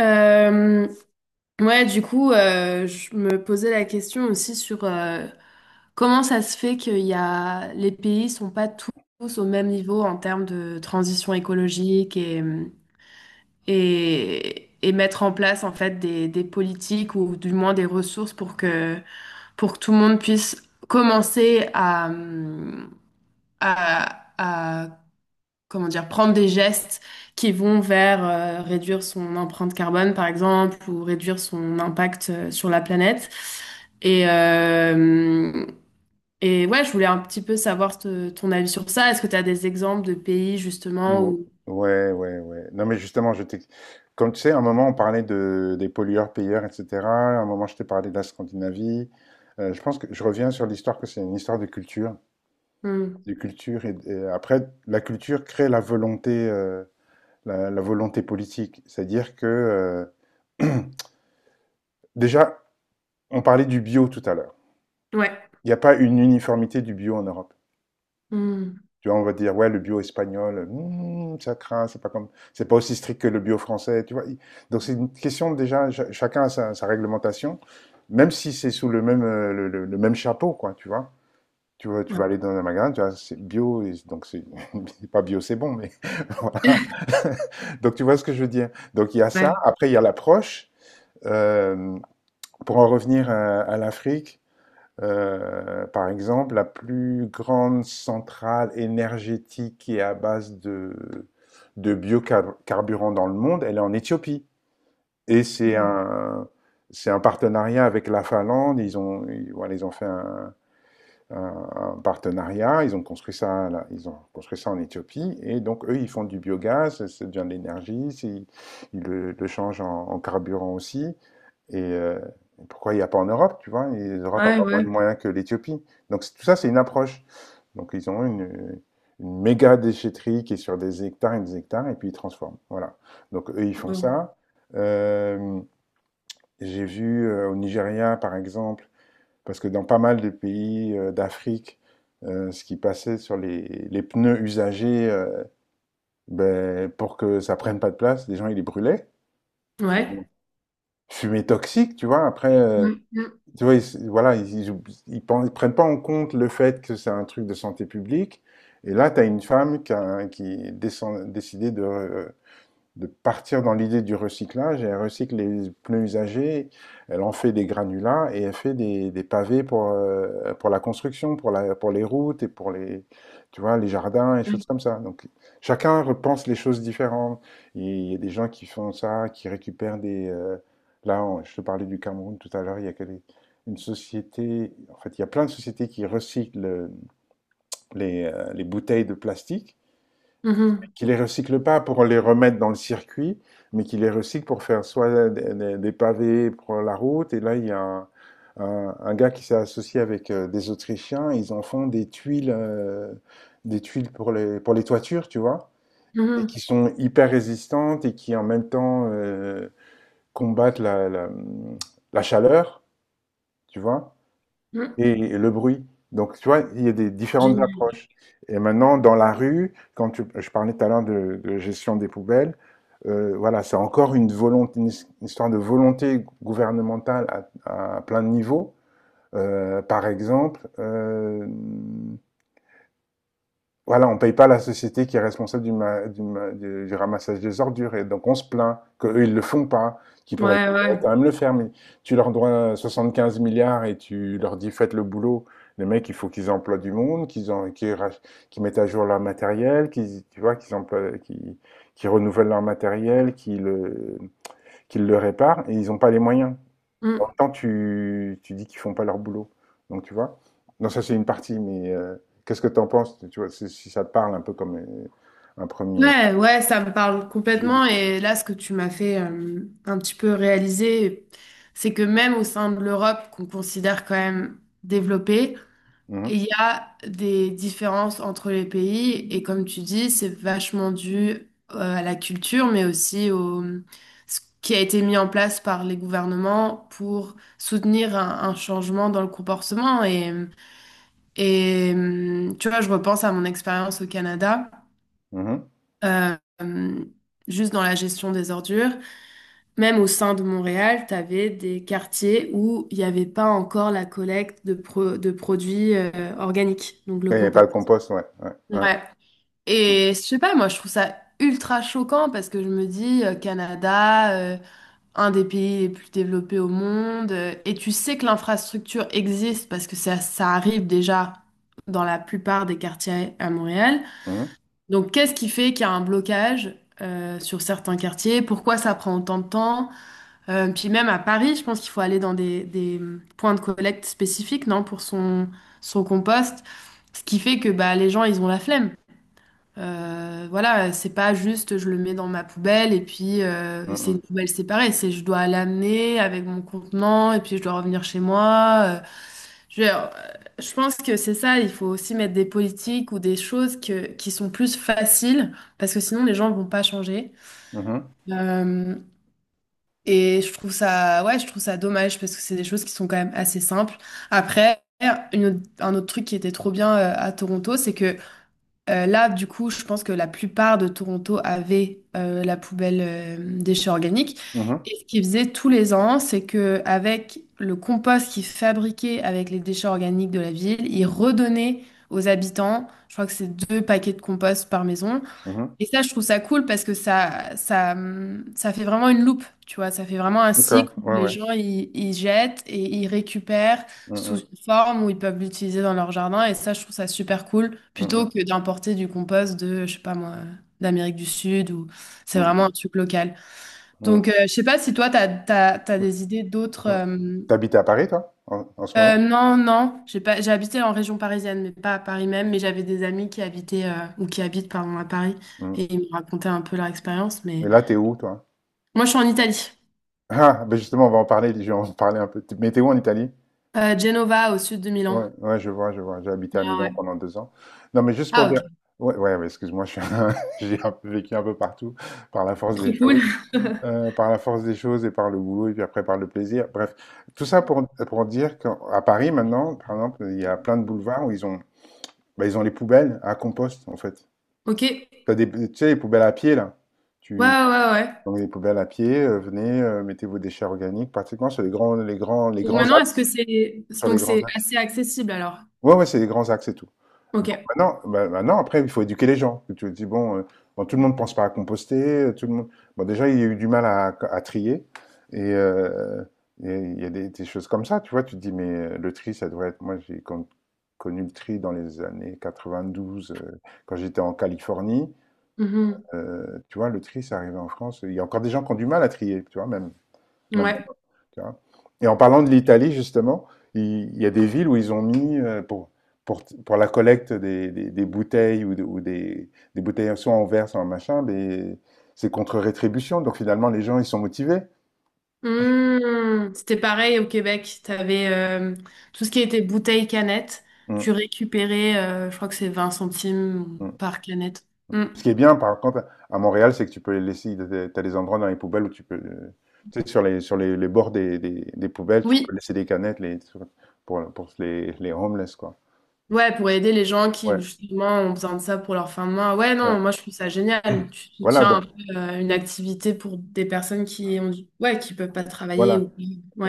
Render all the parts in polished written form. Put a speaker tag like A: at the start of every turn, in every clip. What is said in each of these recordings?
A: Euh, ouais, du coup, je me posais la question aussi sur comment ça se fait qu'il y a les pays sont pas tous au même niveau en termes de transition écologique et mettre en place en fait des politiques ou du moins des ressources pour que tout le monde puisse commencer à comment dire, prendre des gestes qui vont vers réduire son empreinte carbone, par exemple, ou réduire son impact sur la planète. Et, euh, et ouais, je voulais un petit peu savoir ton avis sur ça. Est-ce que tu as des exemples de pays, justement,
B: Ou-
A: où...
B: Ouais, ouais, ouais. Non, mais justement, je t'ai. Comme tu sais, à un moment, on parlait des pollueurs-payeurs, etc. À un moment, je t'ai parlé de la Scandinavie. Je pense que je reviens sur l'histoire que c'est une histoire de culture.
A: Hmm.
B: De culture et après, la culture crée la volonté, la volonté politique. C'est-à-dire que, euh, déjà, on parlait du bio tout à l'heure.
A: Ouais.
B: Il n'y a pas une uniformité du bio en Europe.
A: Hmm.
B: Tu vois, on va dire, ouais, le bio espagnol, ça craint, c'est pas aussi strict que le bio français, tu vois. Donc c'est une question déjà, chacun a sa réglementation, même si c'est sous le même, le même chapeau, quoi, tu vois. Tu vois, tu
A: Ouais.
B: vas aller dans un magasin, tu vois, c'est bio, et donc c'est pas bio, c'est bon, mais voilà. Donc tu vois ce que je veux dire. Donc il y a ça.
A: Ouais.
B: Après il y a l'approche. Euh, pour en revenir à l'Afrique, par exemple, la plus grande centrale énergétique qui est à base de biocarburant dans le monde, elle est en Éthiopie. Et c'est un partenariat avec la Finlande. Voilà, ils ont fait un- un partenariat. Ils ont construit ça, là, ils ont construit ça en Éthiopie. Et donc eux, ils font du biogaz. Ça devient de l'énergie. Ils, le changent en carburant aussi. Et pourquoi il n'y a pas en Europe, tu vois? Et l'Europe n'a
A: Ouais,
B: pas moins de
A: ouais.
B: moyens que l'Éthiopie. Donc tout ça, c'est une approche. Donc ils ont une méga déchetterie qui est sur des hectares, et puis ils transforment. Voilà. Donc eux, ils font
A: Bon.
B: ça. Euh, j'ai vu au Nigeria, par exemple, parce que dans pas mal de pays d'Afrique, ce qui passait sur les pneus usagés, ben, pour que ça prenne pas de place, les gens, ils les brûlaient.
A: Ouais.
B: Bon, fumée toxique, tu vois, après,
A: Mm, mm,
B: tu vois, ils, voilà, ils prennent pas en compte le fait que c'est un truc de santé publique. Et là, tu as une femme qui a, qui décide- décidé de partir dans l'idée du recyclage. Et elle recycle les pneus usagés, elle en fait des granulats et elle fait des pavés pour la construction, pour les routes et pour les, tu vois, les jardins et
A: mm.
B: choses comme ça. Donc chacun repense les choses différentes. Il y a des gens qui font ça, qui récupèrent là, je te parlais du Cameroun tout à l'heure, il y a que une société, en fait, il y a plein de sociétés qui recyclent les bouteilles de plastique
A: Mhm,
B: qui les recycle pas pour les remettre dans le circuit, mais qui les recycle pour faire soit pavés pour la route. Et là, il y a un gars qui s'est associé avec des Autrichiens. Ils en font des tuiles pour les toitures, tu vois, et
A: mhm,
B: qui sont hyper résistantes et qui en même temps combattent la, la chaleur, tu vois.
A: mm.
B: Et le bruit. Donc, tu vois, il y a des différentes
A: Génial.
B: approches. Et maintenant, dans la rue, je parlais tout à l'heure de gestion des poubelles, voilà, c'est encore une volonté, une histoire de volonté gouvernementale à plein de niveaux. Par exemple, voilà, on ne paye pas la société qui est responsable du, ma- du ramassage des ordures. Et donc, on se plaint qu'eux, ils ne le font pas, qu'ils pourraient
A: Ouais, ouais.
B: quand même le faire. Mais tu leur dois 75 milliards et tu leur dis, faites le boulot. Les mecs, il faut qu'ils emploient du monde, qu'ils en- qu'ils rach- qu'ils mettent à jour leur matériel, qu'ils, tu vois, qu'ils emploient, qu'ils renouvellent leur matériel, qu'ils le réparent. Et ils n'ont pas les moyens. En même temps, tu dis qu'ils font pas leur boulot. Donc, tu vois. Non, ça, c'est une partie, mais qu'est-ce que tu en penses? Tu vois, si ça te parle un peu comme un premier.
A: Ouais, ouais, ça me parle
B: J'ai
A: complètement.
B: des-.
A: Et là, ce que tu m'as fait un petit peu réaliser, c'est que même au sein de l'Europe, qu'on considère quand même développée,
B: Mhm,
A: il y a des différences entre les pays. Et comme tu dis, c'est vachement dû à la culture, mais aussi au ce qui a été mis en place par les gouvernements pour soutenir un changement dans le comportement. Et, tu vois, je repense à mon expérience au Canada
B: mhm.
A: euh, juste dans la gestion des ordures. Même au sein de Montréal, tu avais des quartiers où il n'y avait pas encore la collecte de produits organiques, donc le
B: Et pas le
A: compost.
B: compost, ouais, ouais, ouais.
A: Ouais. Et je sais pas, moi je trouve ça ultra choquant parce que je me dis, Canada, un des pays les plus développés au monde, et tu sais que l'infrastructure existe parce que ça arrive déjà dans la plupart des quartiers à Montréal.
B: Mhm,
A: Donc, qu'est-ce qui fait qu'il y a un blocage sur certains quartiers? Pourquoi ça prend autant de temps? Puis même à Paris, je pense qu'il faut aller dans des, points de collecte spécifiques, non, pour son compost. Ce qui fait que bah, les gens, ils ont la flemme. Voilà, c'est pas juste je le mets dans ma poubelle et puis c'est
B: mhm,
A: une poubelle séparée. C'est je dois l'amener avec mon contenant et puis je dois revenir chez moi. Je, euh, je pense que c'est ça, il faut aussi mettre des politiques ou des choses qui sont plus faciles, parce que sinon les gens vont pas changer.
B: mhm,
A: Euh, et je trouve ça, ouais, je trouve ça dommage, parce que c'est des choses qui sont quand même assez simples. Après, un autre truc qui était trop bien à Toronto, c'est que là, du coup, je pense que la plupart de Toronto avait la poubelle déchets organiques.
B: mhm,
A: Et ce qu'ils faisaient tous les ans, c'est que avec le compost qu'ils fabriquaient avec les déchets organiques de la ville, ils redonnaient aux habitants, je crois que c'est deux paquets de compost par maison,
B: mhm.
A: et ça, je trouve ça cool parce que ça, ça fait vraiment une loupe, tu vois. Ça fait vraiment un
B: D'accord,
A: cycle où
B: ouais,
A: les
B: ouais.
A: gens, ils jettent et ils récupèrent sous
B: Mhm,
A: une forme où ils peuvent l'utiliser dans leur jardin. Et ça, je trouve ça super cool plutôt
B: mhm,
A: que d'importer du compost de, je sais pas moi, d'Amérique du Sud ou c'est vraiment
B: mhm,
A: un truc local.
B: mhm,
A: Donc, je sais pas si toi, t'as des idées d'autres,
B: mhm.
A: hum,
B: T'habites à Paris, toi, en ce moment?
A: Non, non, j'ai pas, j'ai habité en région parisienne, mais pas à Paris même, mais j'avais des amis qui habitaient, ou qui habitent, pardon, à Paris,
B: Mhm.
A: et ils me racontaient un peu leur expérience, mais
B: Et là, t'es où, toi?
A: moi je suis en Italie.
B: Ah, ben justement, on va en parler, je vais en parler un peu. Mais t'es où en Italie?
A: Genova, au sud de Milan.
B: Ouais, ouais, je vois, je vois. J'ai habité à
A: Ah ouais.
B: Milan pendant 2 ans. Non, mais juste pour
A: Ah
B: dire
A: ok,
B: ouais, ouais, ouais, excuse-moi, je suis un j'ai un peu vécu un peu partout par la force
A: trop
B: des
A: cool.
B: choses, par la force des choses et par le boulot et puis après par le plaisir. Bref, tout ça pour dire qu'à Paris maintenant, par exemple, il y a plein de boulevards où bah, ils ont les poubelles à compost, en fait.
A: Ok, ouais,
B: Tu as des, tu sais, les poubelles à pied là.
A: ouais,
B: Tu
A: ouais. Ouais.
B: Dans les poubelles à pied, venez, mettez vos déchets organiques pratiquement sur les grands les grands les
A: Donc
B: grands
A: maintenant,
B: axes, sur les
A: donc
B: grands
A: c'est
B: axes.
A: assez accessible alors?
B: Ouais, ouais, c'est les grands axes et tout. Donc
A: Ok.
B: maintenant, après, il faut éduquer les gens. Tu te dis, bon, bon, tout le monde ne pense pas à composter, tout le monde bon, déjà, il y a eu du mal à trier et heu et il y a des choses comme ça, tu vois? Tu te dis: «Mais le tri, ça devrait être» moi, j'ai connu le tri dans les années 92, quand j'étais en Californie.
A: Mhm.
B: Tu vois, le tri, c'est arrivé en France. Il y a encore des gens qui ont du mal à trier, tu vois? Même
A: Ouais.
B: tu vois. Et en parlant de l'Italie, justement, il y a des villes où ils ont mis, pour la collecte des bouteilles ou, ou des bouteilles soit en verre, soit en machin, c'est contre rétribution. Donc finalement, les gens, ils sont motivés.
A: Mmh. C'était pareil au Québec. Tu avais tout ce qui était bouteille canette. Tu
B: Mm,
A: récupérais, je crois que c'est 20 centimes
B: mm.
A: par canette. Mmh.
B: Ce qui est bien, par contre, à Montréal, c'est que tu peux les laisser, tu as des endroits dans les poubelles où tu peux, tu sais, sur les bords des poubelles, tu peux
A: Oui,
B: laisser des canettes pour, pour les homeless, quoi.
A: ouais, pour aider les gens qui
B: Ouais,
A: justement ont besoin de ça pour leur fin de mois. Ouais, non,
B: ouais.
A: moi je trouve ça génial. Tu
B: Voilà,
A: soutiens
B: donc,
A: un peu une activité pour des personnes qui ont du... ouais, qui peuvent pas travailler
B: voilà.
A: ou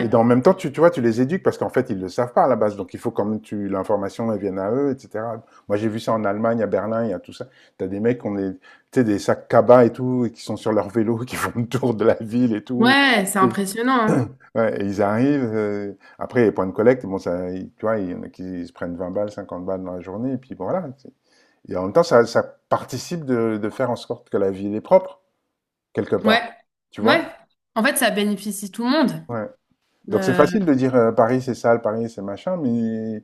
B: Et en même temps, tu vois, tu les éduques parce qu'en fait, ils ne le savent pas à la base. Donc, il faut quand même tu l'information elle vienne à eux, etc. Moi, j'ai vu ça en Allemagne, à Berlin, il y a tout ça. T'as des mecs qui ont des, tu sais, des sacs cabas et tout, et qui sont sur leur vélo, qui font le tour de la ville et tout.
A: Ouais, c'est
B: Et,
A: impressionnant, hein.
B: ouais, et ils arrivent. Après, les points de collecte, bon, ça, tu vois, il y en a qui se prennent 20 balles, 50 balles dans la journée, et puis bon, voilà. Et en même temps, ça participe de faire en sorte que la ville est propre, quelque
A: Ouais.
B: part. Tu
A: Ouais.
B: vois?
A: En fait, ça bénéficie tout le monde.
B: Ouais. Donc c'est
A: Euh,
B: facile de dire Paris c'est sale, Paris c'est machin, mais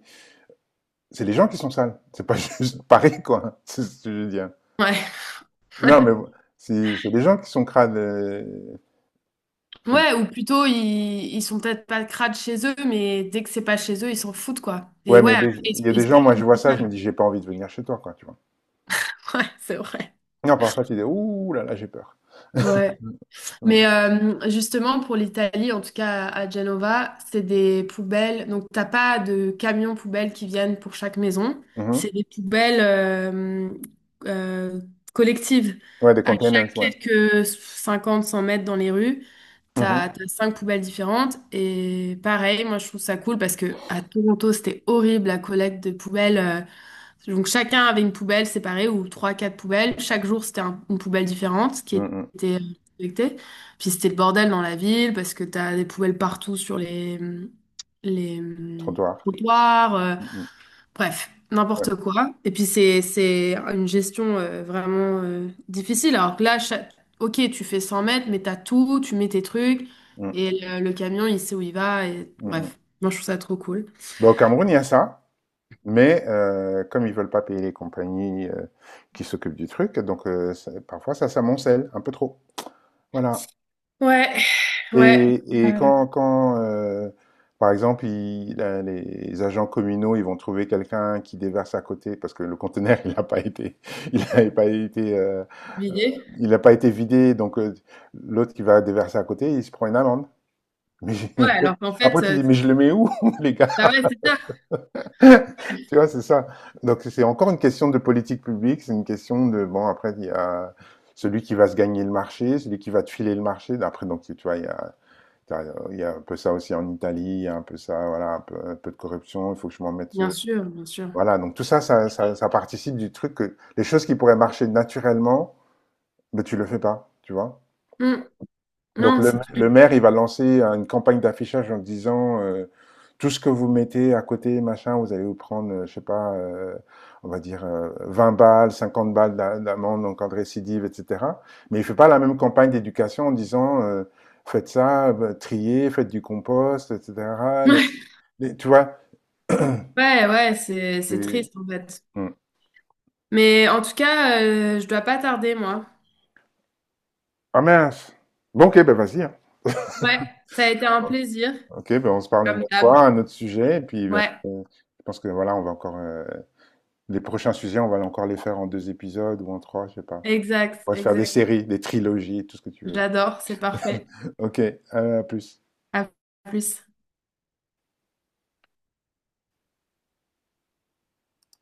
B: c'est les gens qui sont sales. C'est pas juste Paris quoi. C'est ce que je veux dire.
A: ouais.
B: Non mais c'est des gens qui sont crades. Faut dire.
A: Ouais, ou plutôt, ils sont peut-être pas crades chez eux, mais dès que c'est pas chez eux, ils s'en foutent, quoi. Et
B: Ouais
A: ouais,
B: mais
A: après,
B: il y a
A: ils
B: des
A: se
B: gens, moi
A: plaignent
B: je
A: que
B: vois
A: c'est
B: ça,
A: ça.
B: je me dis j'ai pas envie de venir chez toi quoi, tu vois.
A: Ouais, c'est vrai.
B: Non parfois tu dis ouh là là, j'ai peur.
A: Ouais. Mais
B: Mhm.
A: justement, pour l'Italie, en tout cas à Genova, c'est des poubelles. Donc, t'as pas de camions poubelles qui viennent pour chaque maison.
B: Mhm.
A: C'est des poubelles euh, collectives
B: Ouais, des
A: à chaque
B: containers, ouais.
A: quelques 50, 100 mètres dans les rues.
B: Mhm.
A: T'as cinq poubelles différentes et pareil, moi je trouve ça cool parce que à Toronto c'était horrible la collecte de poubelles. Donc chacun avait une poubelle séparée ou trois, quatre poubelles. Chaque jour c'était une poubelle différente qui
B: Mhm.
A: était collectée. Puis c'était le bordel dans la ville parce que t'as des poubelles partout sur les
B: Trottoir.
A: trottoirs.
B: Mhm.
A: Bref,
B: Ouais.
A: n'importe quoi. Et puis c'est une gestion vraiment difficile. Alors que là, ok, tu fais 100 mètres, mais t'as tout, tu mets tes trucs,
B: Mhm.
A: et le camion, il sait où il va. Et...
B: Mhm.
A: Bref, moi, je trouve ça trop cool.
B: Bah, au Cameroun il y a ça. Mais comme ils veulent pas payer les compagnies qui s'occupent du truc, donc parfois ça s'amoncelle un peu trop. Voilà.
A: Ouais,
B: Ouais.
A: ouais,
B: Et quand par exemple, les agents communaux, ils vont trouver quelqu'un qui déverse à côté parce que le conteneur, il n'a pas été, il n'avait pas été,
A: l'idée.
B: il n'a pas été vidé, donc l'autre qui va déverser à côté, il se prend une amende. Mais j'ai-
A: Ouais,
B: après,
A: alors qu'en
B: après,
A: fait,
B: tu dis, mais je le mets où, les gars?
A: bah ouais, c'est ça.
B: Tu vois, c'est ça. Donc, c'est encore une question de politique publique, c'est une question de, bon, après, il y a celui qui va se gagner le marché, celui qui va te filer le marché. Après, donc, tu vois, t'as- il y a un peu ça aussi en Italie, il y a un peu ça, voilà, un peu de corruption, il faut que je m'en mette.
A: Bien sûr, bien sûr.
B: Voilà, donc tout ça, ça participe du truc que les choses qui pourraient marcher naturellement, mais tu le fais pas, tu vois.
A: Hmm.
B: Donc
A: Non,
B: le,
A: c'est dur.
B: le maire, il va lancer une campagne d'affichage en disant tout ce que vous mettez à côté, machin, vous allez vous prendre, je sais pas, on va dire 20 balles, 50 balles d'amende en cas de récidive, etc. Mais il fait pas la même campagne d'éducation en disant faites ça, bah, triez, faites du compost, etc. Les- tu vois
A: Ouais, ouais, ouais, c'est
B: c'est-
A: triste en fait.
B: Hmm.
A: Mais en tout cas, je dois pas tarder, moi.
B: Ah mince, bon, ok, ben vas-y, hein.
A: Ouais, ça a été un plaisir,
B: Ok, ben on se parle une
A: comme
B: autre
A: d'hab.
B: fois, un autre sujet, et puis ben,
A: Ouais.
B: je pense que voilà, on va encore les prochains sujets, on va encore les faire en deux épisodes ou en trois, je sais pas.
A: Exact,
B: On va se faire des
A: exact.
B: séries, des trilogies, tout ce que tu veux.
A: J'adore, c'est parfait.
B: Ok, à plus.
A: À plus.